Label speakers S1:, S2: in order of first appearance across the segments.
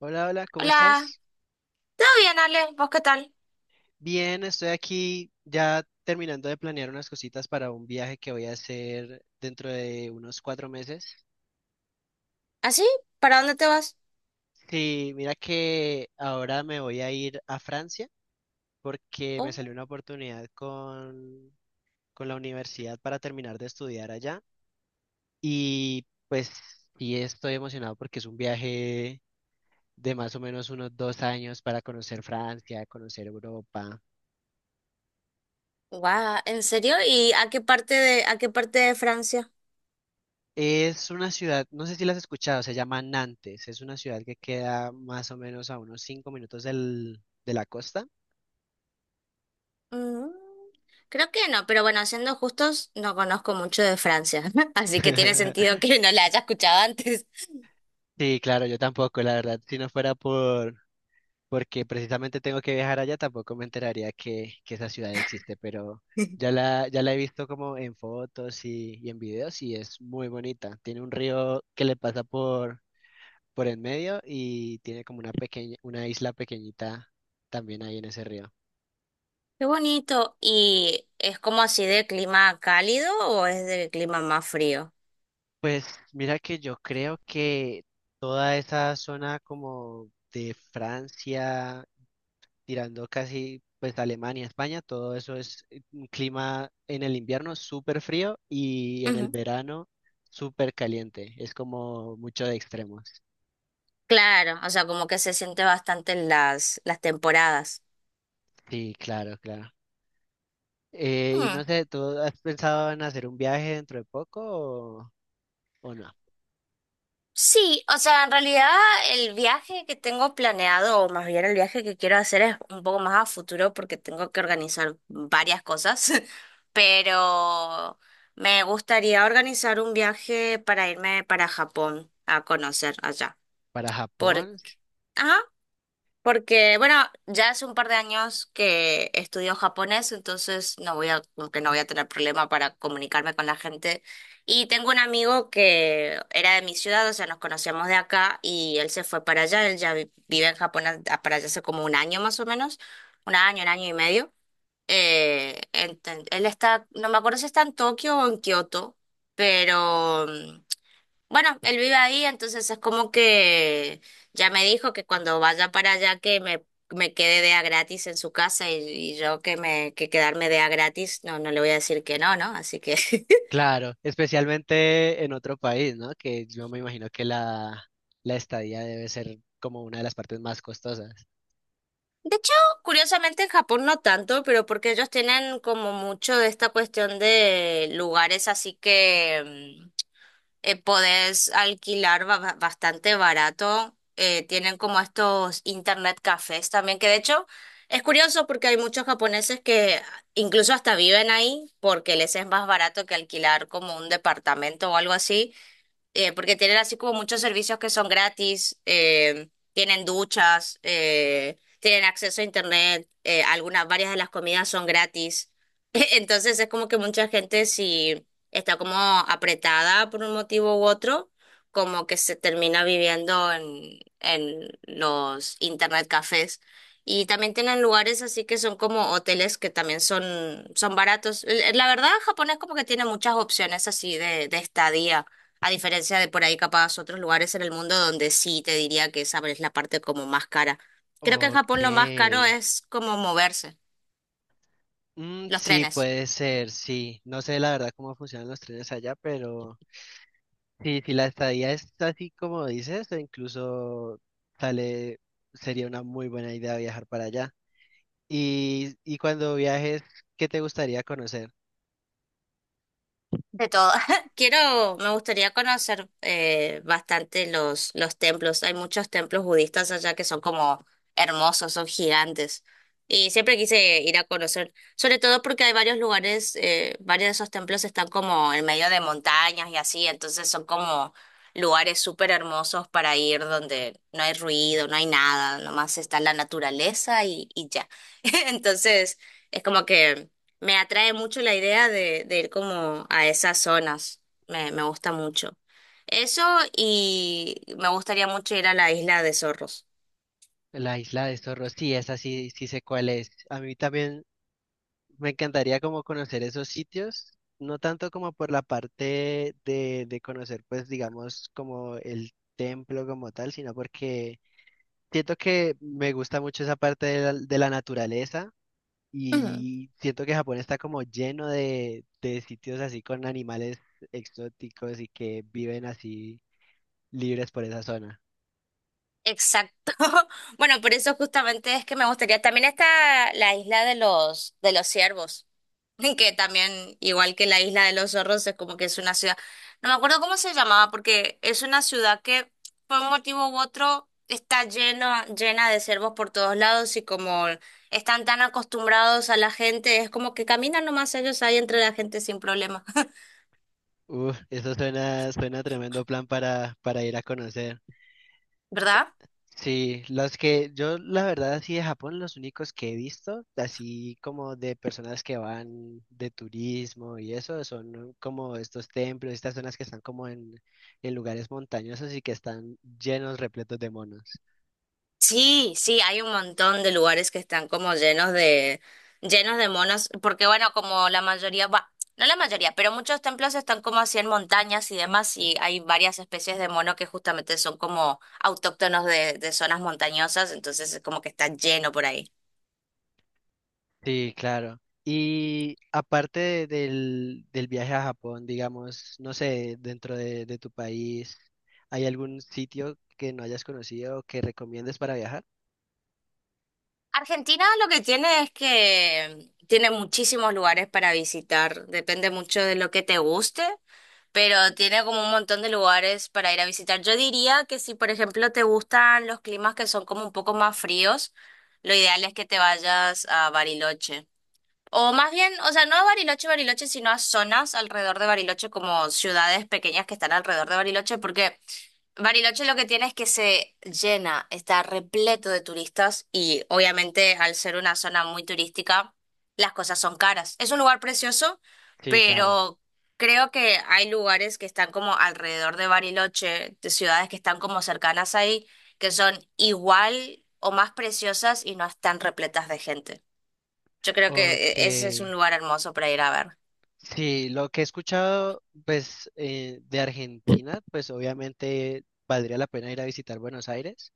S1: Hola, hola, ¿cómo
S2: Hola,
S1: estás?
S2: ¿todo bien, Ale? ¿Vos qué tal?
S1: Bien, estoy aquí ya terminando de planear unas cositas para un viaje que voy a hacer dentro de unos cuatro meses.
S2: ¿Así? ¿Para dónde te vas?
S1: Sí, mira que ahora me voy a ir a Francia porque me salió
S2: Oh,
S1: una oportunidad con la universidad para terminar de estudiar allá y pues sí estoy emocionado porque es un viaje de más o menos unos dos años para conocer Francia, conocer Europa.
S2: guau, ¿en serio? ¿Y a qué parte de Francia?
S1: Es una ciudad, no sé si la has escuchado, se llama Nantes. Es una ciudad que queda más o menos a unos cinco minutos de la costa.
S2: Mm, creo que no, pero bueno, siendo justos, no conozco mucho de Francia, así que tiene sentido que no la haya escuchado antes.
S1: Sí, claro, yo tampoco, la verdad. Si no fuera por, Porque precisamente tengo que viajar allá, tampoco me enteraría que esa ciudad existe, pero ya la he visto como en fotos y en videos y es muy bonita. Tiene un río que le pasa por en medio y tiene como una pequeña, una isla pequeñita también ahí en ese río.
S2: Qué bonito. ¿Y es como así de clima cálido o es de clima más frío?
S1: Pues mira que yo creo que toda esa zona como de Francia, tirando casi pues Alemania, España, todo eso es un clima en el invierno súper frío y en el
S2: Ujú.
S1: verano súper caliente. Es como mucho de extremos.
S2: Claro, o sea, como que se siente bastante en las temporadas.
S1: Sí, claro, claro. Y no sé, ¿tú has pensado en hacer un viaje dentro de poco o no?
S2: Sí, o sea, en realidad el viaje que tengo planeado, o más bien el viaje que quiero hacer es un poco más a futuro porque tengo que organizar varias cosas, pero me gustaría organizar un viaje para irme para Japón a conocer allá.
S1: ¿Para
S2: ¿Por
S1: Japón?
S2: Porque, bueno, ya hace un par de años que estudio japonés, entonces no voy a, como que no voy a tener problema para comunicarme con la gente. Y tengo un amigo que era de mi ciudad, o sea, nos conocíamos de acá y él se fue para allá, él vive en Japón para allá hace como un año más o menos, un año y medio. Él está, no me acuerdo si está en Tokio o en Kioto, pero bueno, él vive ahí, entonces es como que ya me dijo que cuando vaya para allá me quede de a gratis en su casa y yo que me que quedarme de a gratis, no, no le voy a decir que no, ¿no? Así que
S1: Claro, especialmente en otro país, ¿no? Que yo me imagino que la estadía debe ser como una de las partes más costosas.
S2: De hecho, curiosamente en Japón no tanto, pero porque ellos tienen como mucho de esta cuestión de lugares así que podés alquilar bastante barato. Tienen como estos internet cafés también, que de hecho es curioso porque hay muchos japoneses que incluso hasta viven ahí porque les es más barato que alquilar como un departamento o algo así, porque tienen así como muchos servicios que son gratis, tienen duchas, tienen acceso a internet, algunas, varias de las comidas son gratis. Entonces es como que mucha gente si está como apretada por un motivo u otro, como que se termina viviendo en los internet cafés. Y también tienen lugares así que son como hoteles que también son baratos. La verdad, Japón es como que tiene muchas opciones así de estadía. A diferencia de por ahí capaz otros lugares en el mundo donde sí te diría que esa es la parte como más cara. Creo que en
S1: Ok.
S2: Japón lo más caro es como moverse,
S1: Mm,
S2: los
S1: sí,
S2: trenes.
S1: puede ser, sí. No sé la verdad cómo funcionan los trenes allá, pero sí, si la estadía es así como dices, o incluso sale, sería una muy buena idea viajar para allá. Y cuando viajes, ¿qué te gustaría conocer?
S2: De todo. Quiero, me gustaría conocer bastante los templos. Hay muchos templos budistas allá que son como hermosos, son gigantes. Y siempre quise ir a conocer, sobre todo porque hay varios lugares, varios de esos templos están como en medio de montañas y así, entonces son como lugares súper hermosos para ir donde no hay ruido, no hay nada, nomás está la naturaleza y ya. Entonces, es como que... Me atrae mucho la idea de ir como a esas zonas. Me gusta mucho. Eso y me gustaría mucho ir a la isla de Zorros.
S1: La isla de Zorro, sí, esa sí, sí sé cuál es. A mí también me encantaría como conocer esos sitios, no tanto como por la parte de conocer, pues digamos, como el templo como tal, sino porque siento que me gusta mucho esa parte de de la naturaleza y siento que Japón está como lleno de sitios así con animales exóticos y que viven así libres por esa zona.
S2: Exacto. Bueno, por eso justamente es que me gustaría. También está la isla de los ciervos, que también, igual que la isla de los zorros, es como que es una ciudad. No me acuerdo cómo se llamaba, porque es una ciudad que por un motivo u otro está llena de ciervos por todos lados y como están tan acostumbrados a la gente, es como que caminan nomás ellos ahí entre la gente sin problema,
S1: Uf, eso suena, suena tremendo plan para ir a conocer.
S2: ¿verdad?
S1: Sí, los que yo la verdad así de Japón, los únicos que he visto, así como de personas que van de turismo y eso, son como estos templos, estas zonas que están como en lugares montañosos y que están llenos, repletos de monos.
S2: Sí, sí, hay un montón de lugares que están como llenos llenos de monos, porque bueno, como la mayoría, va, no la mayoría, pero muchos templos están como así en montañas y demás, y hay varias especies de mono que justamente son como autóctonos de zonas montañosas, entonces es como que está lleno por ahí.
S1: Sí, claro. Y del viaje a Japón, digamos, no sé, dentro de tu país, ¿hay algún sitio que no hayas conocido que recomiendes para viajar?
S2: Argentina lo que tiene es que tiene muchísimos lugares para visitar, depende mucho de lo que te guste, pero tiene como un montón de lugares para ir a visitar. Yo diría que si, por ejemplo, te gustan los climas que son como un poco más fríos, lo ideal es que te vayas a Bariloche. O más bien, o sea, no a Bariloche, Bariloche, sino a zonas alrededor de Bariloche, como ciudades pequeñas que están alrededor de Bariloche, porque Bariloche lo que tiene es que se llena, está repleto de turistas y obviamente al ser una zona muy turística, las cosas son caras. Es un lugar precioso,
S1: Sí, claro.
S2: pero creo que hay lugares que están como alrededor de Bariloche, de ciudades que están como cercanas ahí, que son igual o más preciosas y no están repletas de gente. Yo creo que
S1: Ok.
S2: ese es un lugar hermoso para ir a ver.
S1: Sí, lo que he escuchado, pues, de Argentina, pues obviamente valdría la pena ir a visitar Buenos Aires,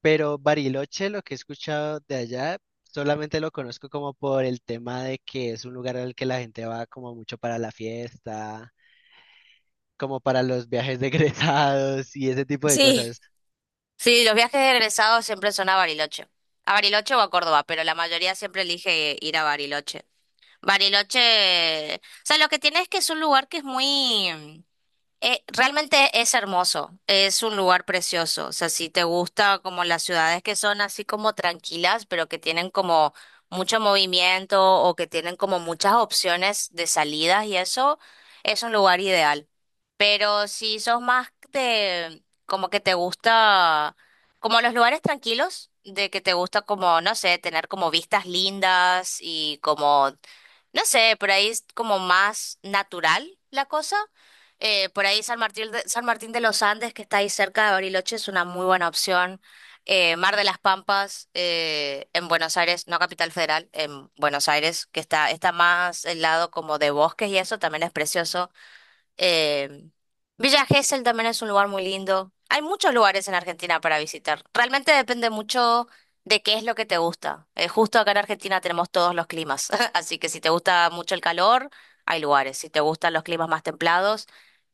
S1: pero Bariloche, lo que he escuchado de allá, solamente lo conozco como por el tema de que es un lugar al que la gente va como mucho para la fiesta, como para los viajes de egresados y ese tipo de
S2: Sí,
S1: cosas.
S2: sí, los viajes de egresados siempre son a Bariloche. A Bariloche o a Córdoba, pero la mayoría siempre elige ir a Bariloche. Bariloche, o sea, lo que tiene es que es un lugar que es muy. Realmente es hermoso, es un lugar precioso, o sea, si te gusta como las ciudades que son así como tranquilas, pero que tienen como mucho movimiento o que tienen como muchas opciones de salidas y eso es un lugar ideal. Pero si sos más de como que te gusta como los lugares tranquilos, de que te gusta como, no sé, tener como vistas lindas y como, no sé, por ahí es como más natural la cosa. Por ahí San Martín de los Andes, que está ahí cerca de Bariloche, es una muy buena opción. Mar de las Pampas, en Buenos Aires, no Capital Federal, en Buenos Aires, que está más el lado como de bosques y eso también es precioso. Eh, Villa Gesell también es un lugar muy lindo. Hay muchos lugares en Argentina para visitar. Realmente depende mucho de qué es lo que te gusta. Justo acá en Argentina tenemos todos los climas, así que si te gusta mucho el calor, hay lugares. Si te gustan los climas más templados,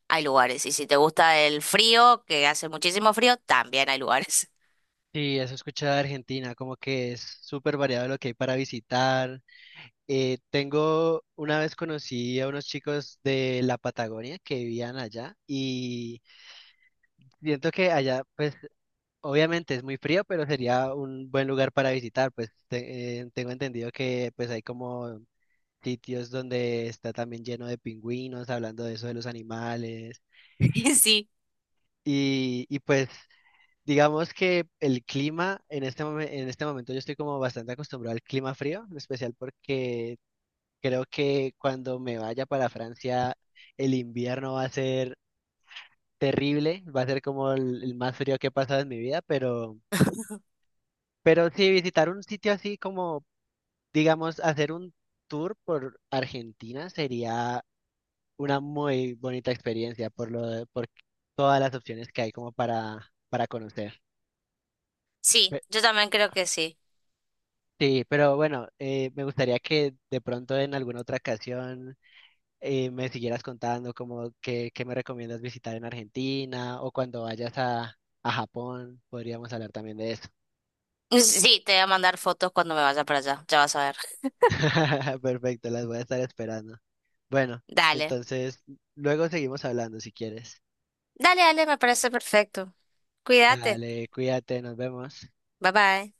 S2: hay lugares. Y si te gusta el frío, que hace muchísimo frío, también hay lugares.
S1: Sí, eso he escuchado de Argentina, como que es súper variado lo que hay para visitar. Tengo, una vez conocí a unos chicos de la Patagonia que vivían allá y siento que allá, pues obviamente es muy frío, pero sería un buen lugar para visitar, pues tengo entendido que pues hay como sitios donde está también lleno de pingüinos, hablando de eso de los animales
S2: Y sí,
S1: y pues digamos que el clima en en este momento yo estoy como bastante acostumbrado al clima frío, en especial porque creo que cuando me vaya para Francia, el invierno va a ser terrible, va a ser como el más frío que he pasado en mi vida, pero sí, visitar un sitio así como, digamos, hacer un tour por Argentina sería una muy bonita experiencia por todas las opciones que hay como para conocer.
S2: sí,
S1: Pe-
S2: yo también creo que sí.
S1: Sí, pero bueno, me gustaría que de pronto en alguna otra ocasión me siguieras contando como qué me recomiendas visitar en Argentina o cuando vayas a Japón, podríamos hablar también de eso.
S2: Sí, te voy a mandar fotos cuando me vaya para allá, ya vas a ver.
S1: Perfecto, las voy a estar esperando. Bueno,
S2: Dale,
S1: entonces luego seguimos hablando si quieres.
S2: dale, dale, me parece perfecto. Cuídate,
S1: Dale, cuídate, nos vemos.
S2: bye bye.